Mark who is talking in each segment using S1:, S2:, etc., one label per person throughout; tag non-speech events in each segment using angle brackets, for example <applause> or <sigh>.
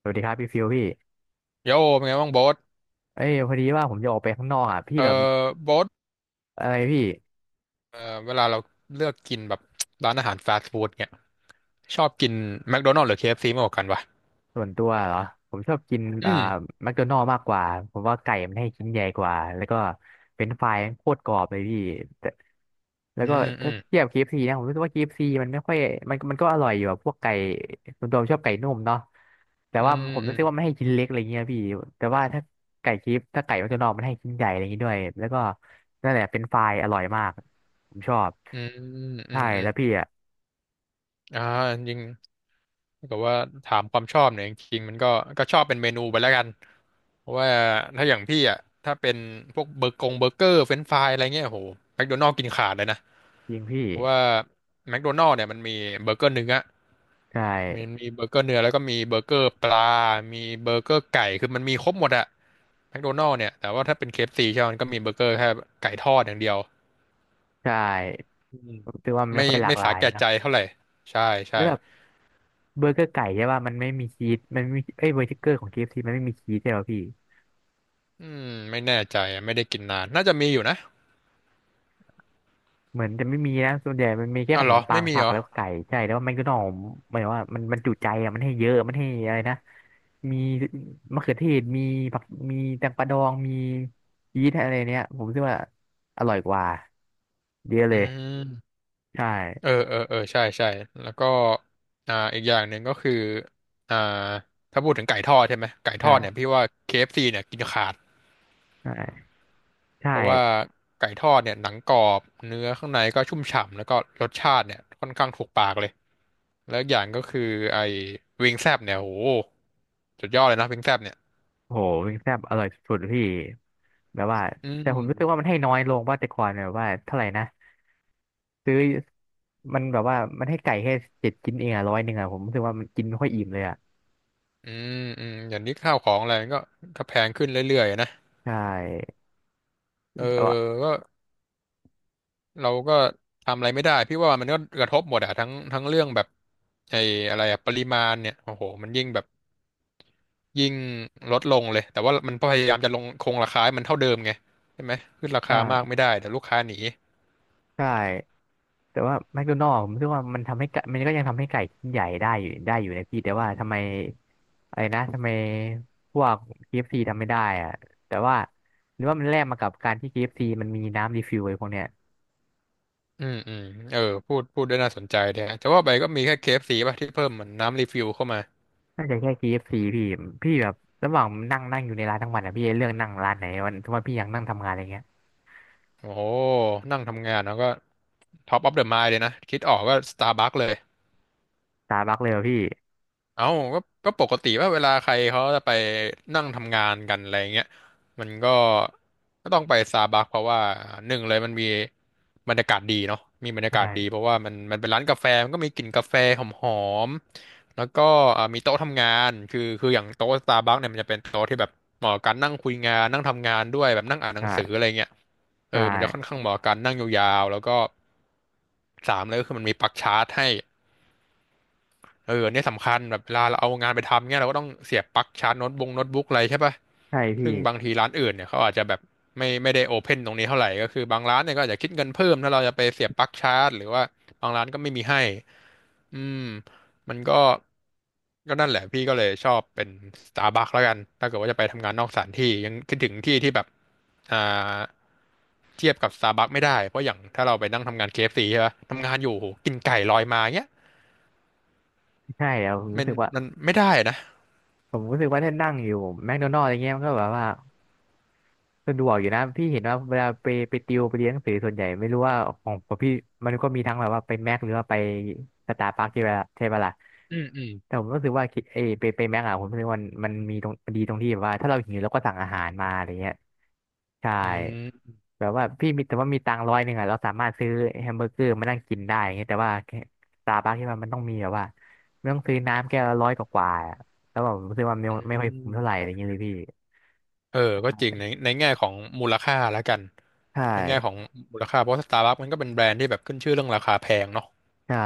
S1: สวัสดีครับพี่ฟิวพี่
S2: โยเป็นไงบ้างโบ๊ท
S1: เอ้ยพอดีว่าผมจะออกไปข้างนอกอ่ะพี่
S2: เอ
S1: แบบ
S2: อโบ๊ท
S1: อะไรพี่
S2: เออเวลาเราเลือกกินแบบร้านอาหารฟาสต์ฟู้ดเนี่ยชอบกินแมคโดนัลด์หรือ KFC มากกว่ากันวะ
S1: ส่วนตัวเหรอผมชอบกิน
S2: อืม
S1: แมคโดนัลด์มากกว่าผมว่าไก่มันให้ชิ้นใหญ่กว่าแล้วก็เป็นไฟรายมันโคตรกรอบเลยพี่แต่แล้
S2: อื
S1: วก็
S2: มอื
S1: ถ้า
S2: ม
S1: เทียบ KFC นะผมรู้สึกว่า k ซีมันไม่ค่อยมันมันก็อร่อยอยู่อะพวกไก่ส่วนตัวผมชอบไก่นุ่มเนาะแต่
S2: อื
S1: ว่า
S2: ม
S1: ผม
S2: อื
S1: รู้
S2: ม
S1: สึกว่ามันให้ชิ้นเล็กอะไรเงี้ยพี่แต่ว่าถ้าไก่เคฟถ้าไก่แมคโดนัลด์มันให้ชิ้นใหญ่อะไรอย่างงี้ด้วยแล้วก็นั่นแหละเป็นไฟรายอร่อยมากผมชอบ
S2: อืมอื
S1: ใช่
S2: มอืม
S1: แล้วพี่อะ
S2: อ่าจริงๆถ้าเกิดว่าถามความชอบเนี่ยจริงๆมันก็ชอบเป็นเมนูไปแล้วกันเพราะว่าถ้าอย่างพี่อ่ะถ้าเป็นพวกเบอร์กงเบอร์เกอร์เฟรนช์ฟรายอะไรเงี้ยโหแมคโดนัลด์กินขาดเลยนะ
S1: ยิงพี่
S2: เพราะว่าแมคโดนัลด์เนี่ยมันมีเบอร์เกอร์เนื้อ
S1: ใช่
S2: มันมีเบอร์เกอร์เนื้อแล้วก็มีเบอร์เกอร์ปลา มีเบอร์เกอร์ไก่คือมันมีครบหมดอะแมคโดนัลด์เนี่ยแต่ว่าถ้าเป็น KFC ใช่ไหมมันก็มีเบอร์เกอร์แค่ไก่ทอดอย่างเดียว
S1: ใช่
S2: อืม
S1: ผมคิดว่ามัน
S2: ไม่
S1: ไม่ค่อยหลาก
S2: ไม่
S1: หลา
S2: สา
S1: ย
S2: แก่
S1: นะ
S2: ใจเท่าไหร่ใช่
S1: แล้
S2: ใช่
S1: วแบบเบอร์เกอร์ไก่ใช่ป่ะมันไม่มีชีสมันไม่มีเอ้ยเบอร์เกอร์ของ KFC มันไม่มีชีสใช่ป่ะพี่
S2: อืมไม่แน่ใจอะไม่ได้กินนานน่าจะมีอยู่นะ
S1: เหมือนจะไม่มีนะส่วนใหญ่มันมีแค่
S2: อ๋อ
S1: ข
S2: เห
S1: น
S2: รอ
S1: มปั
S2: ไม่
S1: ง
S2: มี
S1: ผั
S2: เหร
S1: ก
S2: อ
S1: แล้วก็ไก่ใช่แล้วมันก็หน่อมหมายว่ามันจุใจอ่ะมันให้เยอะมันให้อะไรนะมีมะเขือเทศมีผักมีแตงกวาดองมีชีสอะไรเนี้ยผมคิดว่าอร่อยกว่าเยอะ
S2: อื
S1: เลย
S2: ม
S1: ใช่
S2: อเออเออเออใช่ใช่แล้วก็อีกอย่างหนึ่งก็คืออ่าถ้าพูดถึงไก่ทอดใช่ไหมไก่ทอดเนี่ย
S1: ใช่
S2: พี่ว่าเคเอฟซีเนี่ยกินขาด
S1: ใช่ใช่
S2: เพราะว่าไก่ทอดเนี่ยหนังกรอบเนื้อข้างในก็ชุ่มฉ่ำแล้วก็รสชาติเนี่ยค่อนข้างถูกปากเลยแล้วอกอย่างก็คือไอ้วิงแซบเนี่ยโหสุดยอดเลยนะวิงแซบเนี่ย
S1: โหวิงแซ่บอร่อยสุดๆพี่แบบว่า
S2: อื
S1: แต่
S2: ม
S1: ผมรู้สึกว่ามันให้น้อยลงว่าแต่ก่อนแบบว่าเท่าไหร่นะ ซื้อมันแบบว่า มันให้ไก่แค่เจ็ดชิ้นเองอะร้อยหนึ่งอะผมรู้สึกว่ามันกินไม่ค่อยอิ่มเลยอะ
S2: อืมอืมอย่างนี้ข้าวของอะไรมันก็แพงขึ้นเรื่อยๆนะ
S1: ใช่
S2: เออ
S1: แต่ว่า
S2: ก็เราก็ทำอะไรไม่ได้พี่ว่ามันก็กระทบหมดอะทั้งเรื่องแบบไอ้อะไรอะปริมาณเนี่ยโอ้โหมันยิ่งแบบ ยิ่งลดลงเลยแต่ว่ามันพยายามจะลงคงราคาให้มันเท่าเดิมไงใช่ไหมขึ้นรา
S1: อ่
S2: คามาก
S1: า
S2: ไม่ได้แต่ลูกค้าหนี
S1: ใช่แต่ว่าแมคโดนัลด์ผมรู้สึกว่ามันทำให้ไก่มันก็ยังทำให้ไก่ชิ้นใหญ่ได้อยู่นะพี่แต่ว่าทำไมอะไรนะทำไมพวกเคเอฟซีทำไม่ได้อะแต่ว่าหรือว่ามันแลกมากับการที่เคเอฟซ c มันมีน้ำรีฟิลไอ้พวกเนี้ย
S2: อืมอืมเออพูดด้วยน่าสนใจเนี่ยแต่ว่าไปก็มีแค่ KFC ป่ะที่เพิ่มเหมือนน้ำรีฟิลเข้ามา
S1: น่าจะแค่เคเอฟซีพี่พี่แบบระหว่างนั่งนั่งอยู่ในร้านทั้งวันอะพี่เลือกนั่งร้านไหนวันทุกวันพี่ยังนั่งทำงานอะไรเงี้ย
S2: โอ้โหนั่งทำงานแล้วก็ท็อปออฟเดอะไมายเลยนะคิดออกก็สตาร์บัคเลย
S1: สตาร์บักเลยอะพี่
S2: เอ้าก็ปกติว่าเวลาใครเขาจะไปนั่งทำงานกันอะไรเงี้ยมันก็ต้องไปซาบักเพราะว่าหนึ่งเลยมันมีบรรยากาศดีเนาะมีบรรยากาศดี
S1: ใช่
S2: เพราะว่ามันเป็นร้านกาแฟมันก็มีกลิ่นกาแฟหอมๆแล้วก็มีโต๊ะทำงานคืออย่างโต๊ะซาบักเนี่ยมันจะเป็นโต๊ะที่แบบเหมาะกับการนั่งคุยงานนั่งทำงานด้วยแบบนั่งอ่านหนังสืออะ
S1: ใช่
S2: ไรเงี้ย
S1: ใช
S2: เออมันจะค่อน
S1: ่
S2: ข้างเหมาะกับการนั่งยาวๆแล้วก็สามเลยก็คือมันมีปลั๊กชาร์จให้ เออเนี่ยสำคัญแบบเวลาเราเอางานไปทำเนี่ยเราก็ต้องเสียบปลั๊กชาร์จโน้ตบุ๊กอะไรใช่ปะ
S1: ใช่พี่
S2: ซึ่งบางทีร้านอื่นเนี่ยเขาอาจจะแบบไม่ได้โอเพนตรงนี้เท่าไหร่ก็คือบางร้านเนี่ยก็อาจจะคิดเงินเพิ่มถ้าเราจะไปเสียบปลั๊กชาร์จหรือว่าบางร้านก็ไม่มีให้อืมมันก็นั่นแหละพี่ก็เลยชอบเป็นสตาร์บัคแล้วกันถ้าเกิดว่าจะไปทำงานนอกสถานที่ยังคิดถึงที่ที่แบบอ่าเทียบกับสตาร์บัคไม่ได้เพราะอย่างถ้าเราไปนั่งทำงานเคเอฟซีใช่ปะทำงานอยู่โหกินไก่ลอยมาเงี้ย
S1: ใช่อะผม
S2: มั
S1: รู้
S2: น
S1: สึกว่า
S2: มันไม่ได้นะ
S1: ผมรู้สึกว่าถ้านั่งอยู่แม d โดนัล d อะไรเงี้ยมันก็แบบว่า สะดวกอยู่นะพี่เห็นว่าเวลาไปติวไปเรียนหนังสือส่วนใหญ่ไม่รู้ว่าของพี่มันก็มีทั้งแบบว่าไปแม็กหรือว่าไปสตาร์บัคใช่ปะใช่ปะล่ะ
S2: อืมอืม
S1: แต่ผมรู้สึกว่าคิดเออไปแม็กอะผมรู้สึกว่ามันมีตรงมันดีตรงที่แบบว่าถ้าเราหิวเราก็สั่งอาหารมาอะไรเงี้ยใช่
S2: อืม
S1: แบบว่าพี่มีแต่ว่ามีตังค์ร้อยหนึ่งอะเราสามารถซื้อแฮมเบอร์เกอร์มานั่งกินได้อย่างเงี้ยแต่ว่าสตาร์บัคที่มันต้องมีแบบว่าไม่ต้องซื้อน้ำแก้วละร้อยกว่าๆอะแล้วแบบผมรู้สึกว่าไม่
S2: อื
S1: ไม่ค่อยคุ้
S2: ม
S1: มเท่าไหร่อะไรเงี้ยเลยพี่
S2: เออก็จริงในแง่ของมูลค่าแล้วกัน
S1: ใช่
S2: ในแง่ของมูลค่าเพราะสตาร์บัคมันก็เป็นแบรนด์ที่แบบขึ้นชื่อเรื่องราคาแพงเนาะ
S1: ใช่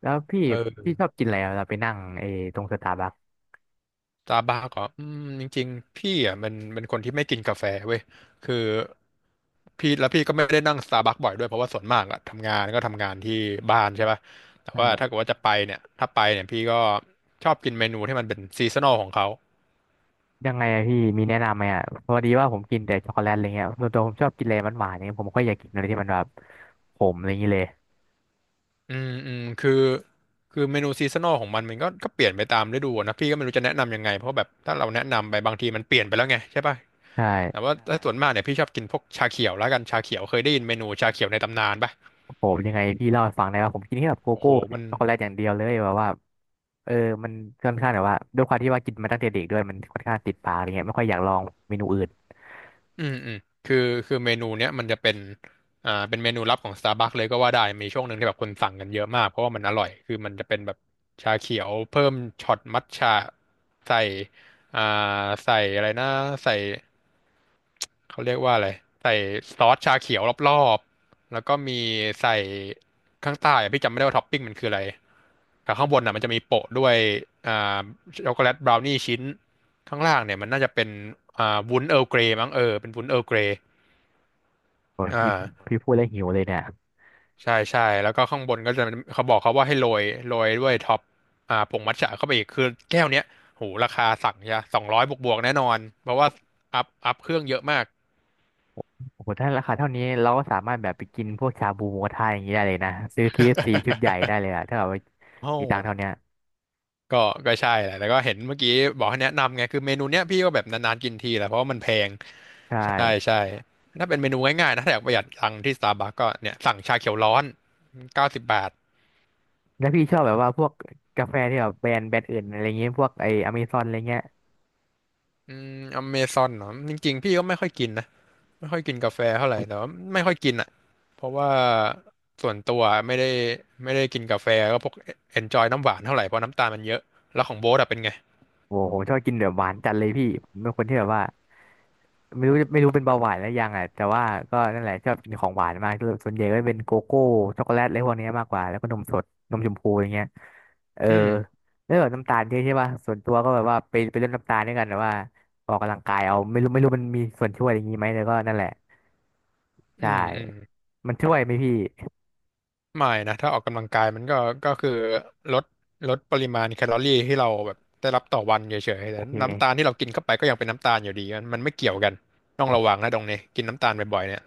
S1: แล้วพี่
S2: เออ
S1: พี่ชอบกินอะไรอะเราไปนั่งไอ้ตรงสตาร์บัค
S2: สตาร์บัคก็อืมจริงๆพี่อ่ะมันเป็นคนที่ไม่กินกาแฟเว้ยคือพี่แล้วพี่ก็ไม่ได้นั่งสตาร์บัคบ่อยด้วยเพราะว่าส่วนมากอะทำงานก็ทำงานที่บ้านใช่ป่ะแต่ว่า
S1: อ่า
S2: ถ้าเกิดว่าจะไปเนี่ยถ้าไปเนี่ยพี่ก็ชอบกินเมนูที่มันเป็นซีซันอลของเขา
S1: ยังไงอะพี่มีแนะนำไหมอ่ะพอดีว่าผมกินแต่ช็อกโกแลตอะไรเงี้ยส่วนตัวผมชอบกินอะไรหวานๆเนี่ยผมก็อยากกินอะไรที่มันแบบขมอะไรอย่างนี้เลย
S2: อืมอืมคือคือเมนูซีซันอลของมันมันก็เปลี่ยนไปตามฤดูอะนะพี่ก็ไม่รู้จะแนะนำยังไงเพราะแบบถ้าเราแนะนำไปบางทีมันเปลี่ยนไปแล้วไงใช่ป่ะ
S1: ใ
S2: แต่
S1: ช่
S2: ว่าใช่ถ้าส่วนมากเนี่ยพี่ชอบกินพวกชาเขียวแล้วกันชาเขียวเคยได้ยินเมนูชาเขียวในตำนานป่ะ
S1: ผมยังไงพี่เล่าให้ฟังได้ว่าผมกินแค่แบบโก
S2: โอ้
S1: โก้
S2: โหมัน
S1: ช็อกโกแลตอย่างเดียวเลยแบบว่าเออมันค่อนข้างแบบว่าด้วยความที่ว่ากินมาตั้งแต่เด็กด้วยมันค่อนข้างติดปากอะไรเงี้ยไม่ค่อยอยากลองเมนูอื่น
S2: อืมอืมคือคือเมนูเนี้ยมันจะเป็นเป็นเมนูลับของ Starbucks เลยก็ว่าได้มีช่วงหนึ่งที่แบบคนสั่งกันเยอะมากเพราะว่ามันอร่อยคือมันจะเป็นแบบชาเขียวเพิ่มช็อตมัทฉะใส่อ่าใส่อะไรนะใส่เขาเรียกว่าอะไรใส่ซอสชาเขียวรอบๆแล้วก็มีใส่ข้างใต้อะพี่จำไม่ได้ว่าท็อปปิ้งมันคืออะไรแต่ข้างบนอ่ะมันจะมีโปะด้วยอ่าช็อกโกแลตบราวนี่ชิ้น ข้างล่างเนี่ยมันน่าจะเป็นวุ้นเอ r ร์ลเกรมั้งเออเป็นวุ้นเอ r ร์ลเกร
S1: โอ้ย
S2: อ
S1: พี่
S2: ่า
S1: พี่พูดแล้วหิวเลยเนี่ย
S2: ใช่ใช่แล้วก็ข้างบนก็จะเขาบอกเขาว่าให้โรยด้วยท็อปผงมัทฉะเข้าไปอีกคือแก้วเนี้ยโหราคาสั่งใช่200บวกบวกๆแน่นอนเพราะว่าอัพเครื่องเยอะมาก <laughs>
S1: โอ้โหถ้าราคาเท่านี้เราก็สามารถแบบไปกินพวกชาบูหมูกระทะอย่างนี้ได้เลยนะซื้อ KFC ชุดใหญ่ได้เลยอะถ้าแบบว่า
S2: โอ้
S1: มีตังค์เท่าเนี้ย
S2: ก็ใช่แหละแล้วก็เห็นเมื่อกี้บอกให้แนะนำไงคือเมนูเนี้ยพี่ก็แบบนานๆกินทีแหละเพราะว่ามันแพง
S1: ใช่
S2: ใช่ใช่ถ้าเป็นเมนูง่ายๆนะถ้าอยากประหยัดตังค์ที่สตาร์บัคก็เนี่ยสั่งชาเขียวร้อน90 บาท
S1: แล้วพี่ชอบแบบว่าพวกกาแฟที่แบบแบรนด์อื่นอะไรเงี้ยพวกไออเมซอนอะไรเงี้ย
S2: อืมอเมซอนเนาะจริงๆพี่ก็ไม่ค่อยกินนะไม่ค่อยกินกาแฟเท่าไหร่แต่ว่าไม่ค่อยกินอ่ะเพราะว่าส่วนตัวไม่ได้กินกาแฟก็พวกเอนจอยน้ำหวานเท่าไหร่เพราะน้ำตาลมันเยอะแล้วของโบ๊ทอะเป็นไง
S1: โอ้โหผมชอบกินแบบหวานจัดเลยพี่ผมเป็นคนที่แบบว่าไม่รู้เป็นเบาหวานแล้วยังอ่ะแต่ว่าก็นั่นแหละชอบกินของหวานมากส่วนใหญ่ก็เป็นโกโก้ช็อกโกแลตอะไรพวกเนี้ยมากกว่าแล้วก็นมสดนมชมพูอย่างเงี้ยเออ
S2: อืม
S1: แล้วแบบน้ำตาลเยอะใช่ป่ะส่วนตัวก็แบบว่าไปลดน้ำตาลด้วยกันแต่ว่าออกกำลังกายเอาไม่รู้มันมีส่วนช่วยอย่างงี้ไหมแต่ก็นั่นแหละ
S2: อื
S1: ใช่
S2: มอืม
S1: มันช่วยไหมพี่
S2: ไม่นะถ้าออกกำลังกายมันก็คือลดลดปริมาณแคลอรี่ที่เราแบบได้รับต่อวันเฉยๆ
S1: โอ
S2: แต่น้ำตาล
S1: เค
S2: ที่เรากินเข้าไปก็ยังเป็นน้ำตาลอยู่ดีมันไม่เกี่ยวกันต้องระวังนะตรงนี้กินน้ำตาลบ่อยๆเนี่ย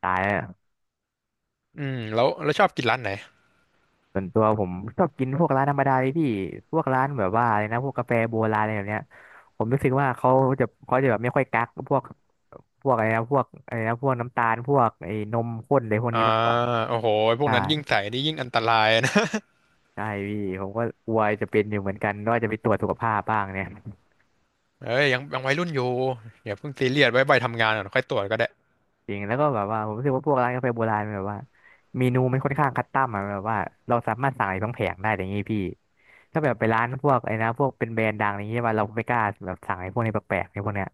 S1: ตายแล้ว
S2: อืมแล้วชอบกินร้านไหน
S1: ส่วนตัวผมชอบกินพวกร้านธรรมดาเลยพี่พวกร้านแบบว่าอะไรนะพวกกาแฟโบราณอะไรแบบเนี้ยผมรู้สึกว่าเขาจะแบบไม่ค่อยกักพวกพวกอะไรนะพวกอะไรนะพวกน้ำตาลพวกไอ้นมข้นอะไรพวก
S2: อ่า
S1: นี้มากกว่า
S2: โอ้โหพวก
S1: ใช่
S2: นั้นยิ่งใส่นี่ยิ่งอันตรายนะ
S1: ใช่พี่ผมก็กลัวจะเป็นอยู่เหมือนกันว่าจะไปตรวจสุขภาพบ้างเนี่ย
S2: <laughs> เอ้ยยังวัยรุ่นอยู่อย่าเพิ่งซีเรียสไว้ใบทำงานก่อนค่อยตรวจก็ได้
S1: จริงแล้วก็แบบว่าผมรู้สึกว่าพวกร้านกาแฟโบราณมันแบบว่าเมนูมันค่อนข้างคัสตอมอะแบบว่าเราสามารถสั่งอะไรทั้งแผงได้อย่างนี้พี่ถ้าแบบไปร้านพวกไอ้นะพวกเป็นแบรนด์ดังอย่างนี้ว่าเราไม่กล้าแบบสั่งไอ้พวกนี้แปลกๆไอ้พวกเนี้ย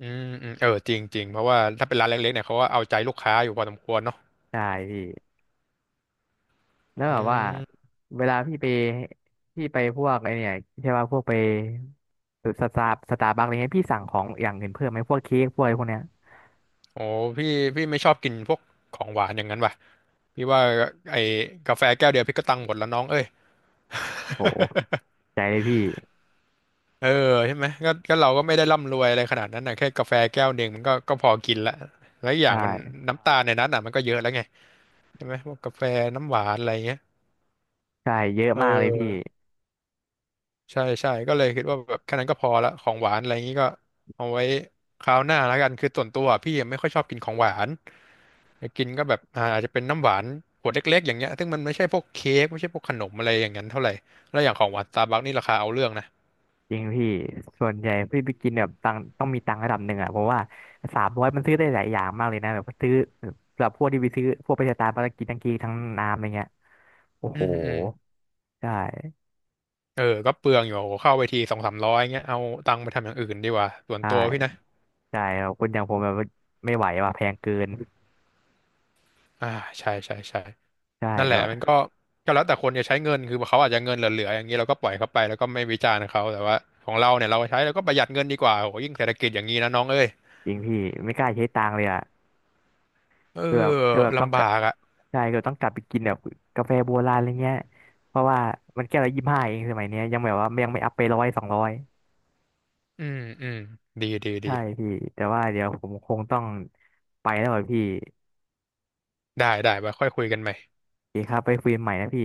S2: อืมอืมเออจริงจริงเพราะว่าถ้าเป็นร้านเล็กๆเนี่ยเขาก็เอาใจลูกค้าอยู่พอสมควรเนาะ
S1: ใช่พี่แล้ว
S2: อื
S1: แบบว่า
S2: ม
S1: เวลาพี่ไปพวกไอเนี่ยใช่ว่าพวกไปสตาร์บัคอะไรเงี้ยพี่สั่งของอย่างอื่นเพิ่มไหมพวกเค้กพวกอะไรพวกเนี้ย
S2: โอ้พี่ไม่ชอบกินพวกของหวานอย่างนั้นว่ะ พี่ว่าไอ้กาแฟแก้วเดียวพี่ก็ตังค์หมดแล้วน้องเอ้ย
S1: โหใจเลยพี่
S2: <laughs> เออใช่ไหมก็เราก็ไม่ได้ร่ำรวยอะไรขนาดนั้นนะแค่กาแฟแก้วหนึ่งมันก็พอกินละแล้วอกอ
S1: ใช
S2: ย่างมัน
S1: ่
S2: น้ำตาลในนั้นอ่ะมันก็เยอะแล้วไงใช่ไหมพวกกาแฟน้ำหวานอะไรเงี้ย
S1: ใช่เยอะ
S2: เอ
S1: มากเลยพี่
S2: อ ใช่ใช่ก็เลยคิดว่าแบบแค่นั้นก็พอละของหวานอะไรอย่างนี้ก็เอาไว้คราวหน้าแล้วกันคือส่วนตัวพี่ไม่ค่อยชอบกินของหวานอยากกินก็แบบอาจจะเป็นน้ำหวานขวดเล็กๆอย่างเงี้ยซึ่งมันไม่ใช่พวกเค้กไม่ใช่พวกขนมอะไรอย่างนั้นเท่าไหร่แล้วอย่างของหวานสตาร์บัคนี่ราคาเอาเรื่องนะ
S1: จริงพี่ส่วนใหญ่พี่ไปกินแบบตังค์ต้องมีตังค์ระดับหนึ่งอ่ะเพราะว่า300มันซื้อได้หลายอย่างมากเลยนะแบบซื้อแบบพวกที่ไปซื้อพวกไปสตาร์บัคกินทั้งเค้กทั้งน้ำอะไรเงี้ยโอ้
S2: อื
S1: โห
S2: มอืม
S1: ใช่
S2: เออก็เปลืองอยู่เข้าไปทีสองสามร้อยเงี้ยเอาตังค์ไปทำอย่างอื่นดีกว่าส่วนตัวพี่
S1: ใช่
S2: นะ
S1: ใช่ครับคนอย่างผมแบบไม่ไหวว่ะแพงเกิน
S2: อ่าใช่ใช่ใช่
S1: ใช่
S2: นั่นแห
S1: แล้
S2: ละ
S1: วอะ
S2: มันก็แล้วแต่คนจะใช้เงินคือเขาอาจจะเงินเหลือๆอย่างนี้เราก็ปล่อยเขาไปแล้วก็ไม่วิจารณ์เขาแต่ว่าของเราเนี่ยเราใช้แล้วก็ประหยัดเงินดีกว่าโหยิ่งเศรษฐกิจอย่างนี้นะน้องเอ้ย
S1: จริงพี่ไม่กล้าใช้ตังค์เลยอ่ะ
S2: เออ
S1: คือแบบต้อง
S2: ลำ
S1: ก
S2: บา
S1: ลับ
S2: กอ่ะ
S1: ใช่คือต้องกลับไปกินแบบกาแฟโบราณอะไรเงี้ยเพราะว่ามันแก้วละ25เองสมัยเนี้ยยังแบบว่ายังไม่อัพไป100 200
S2: อืมอืมดีดีดี
S1: ใช่พี่แต่ว่าเดี๋ยวผมคงต้องไปแล้วอะพี่
S2: ได้ได้ไปค่อยคุยกันใหม่
S1: โอเคครับไปคุยกันใหม่นะพี่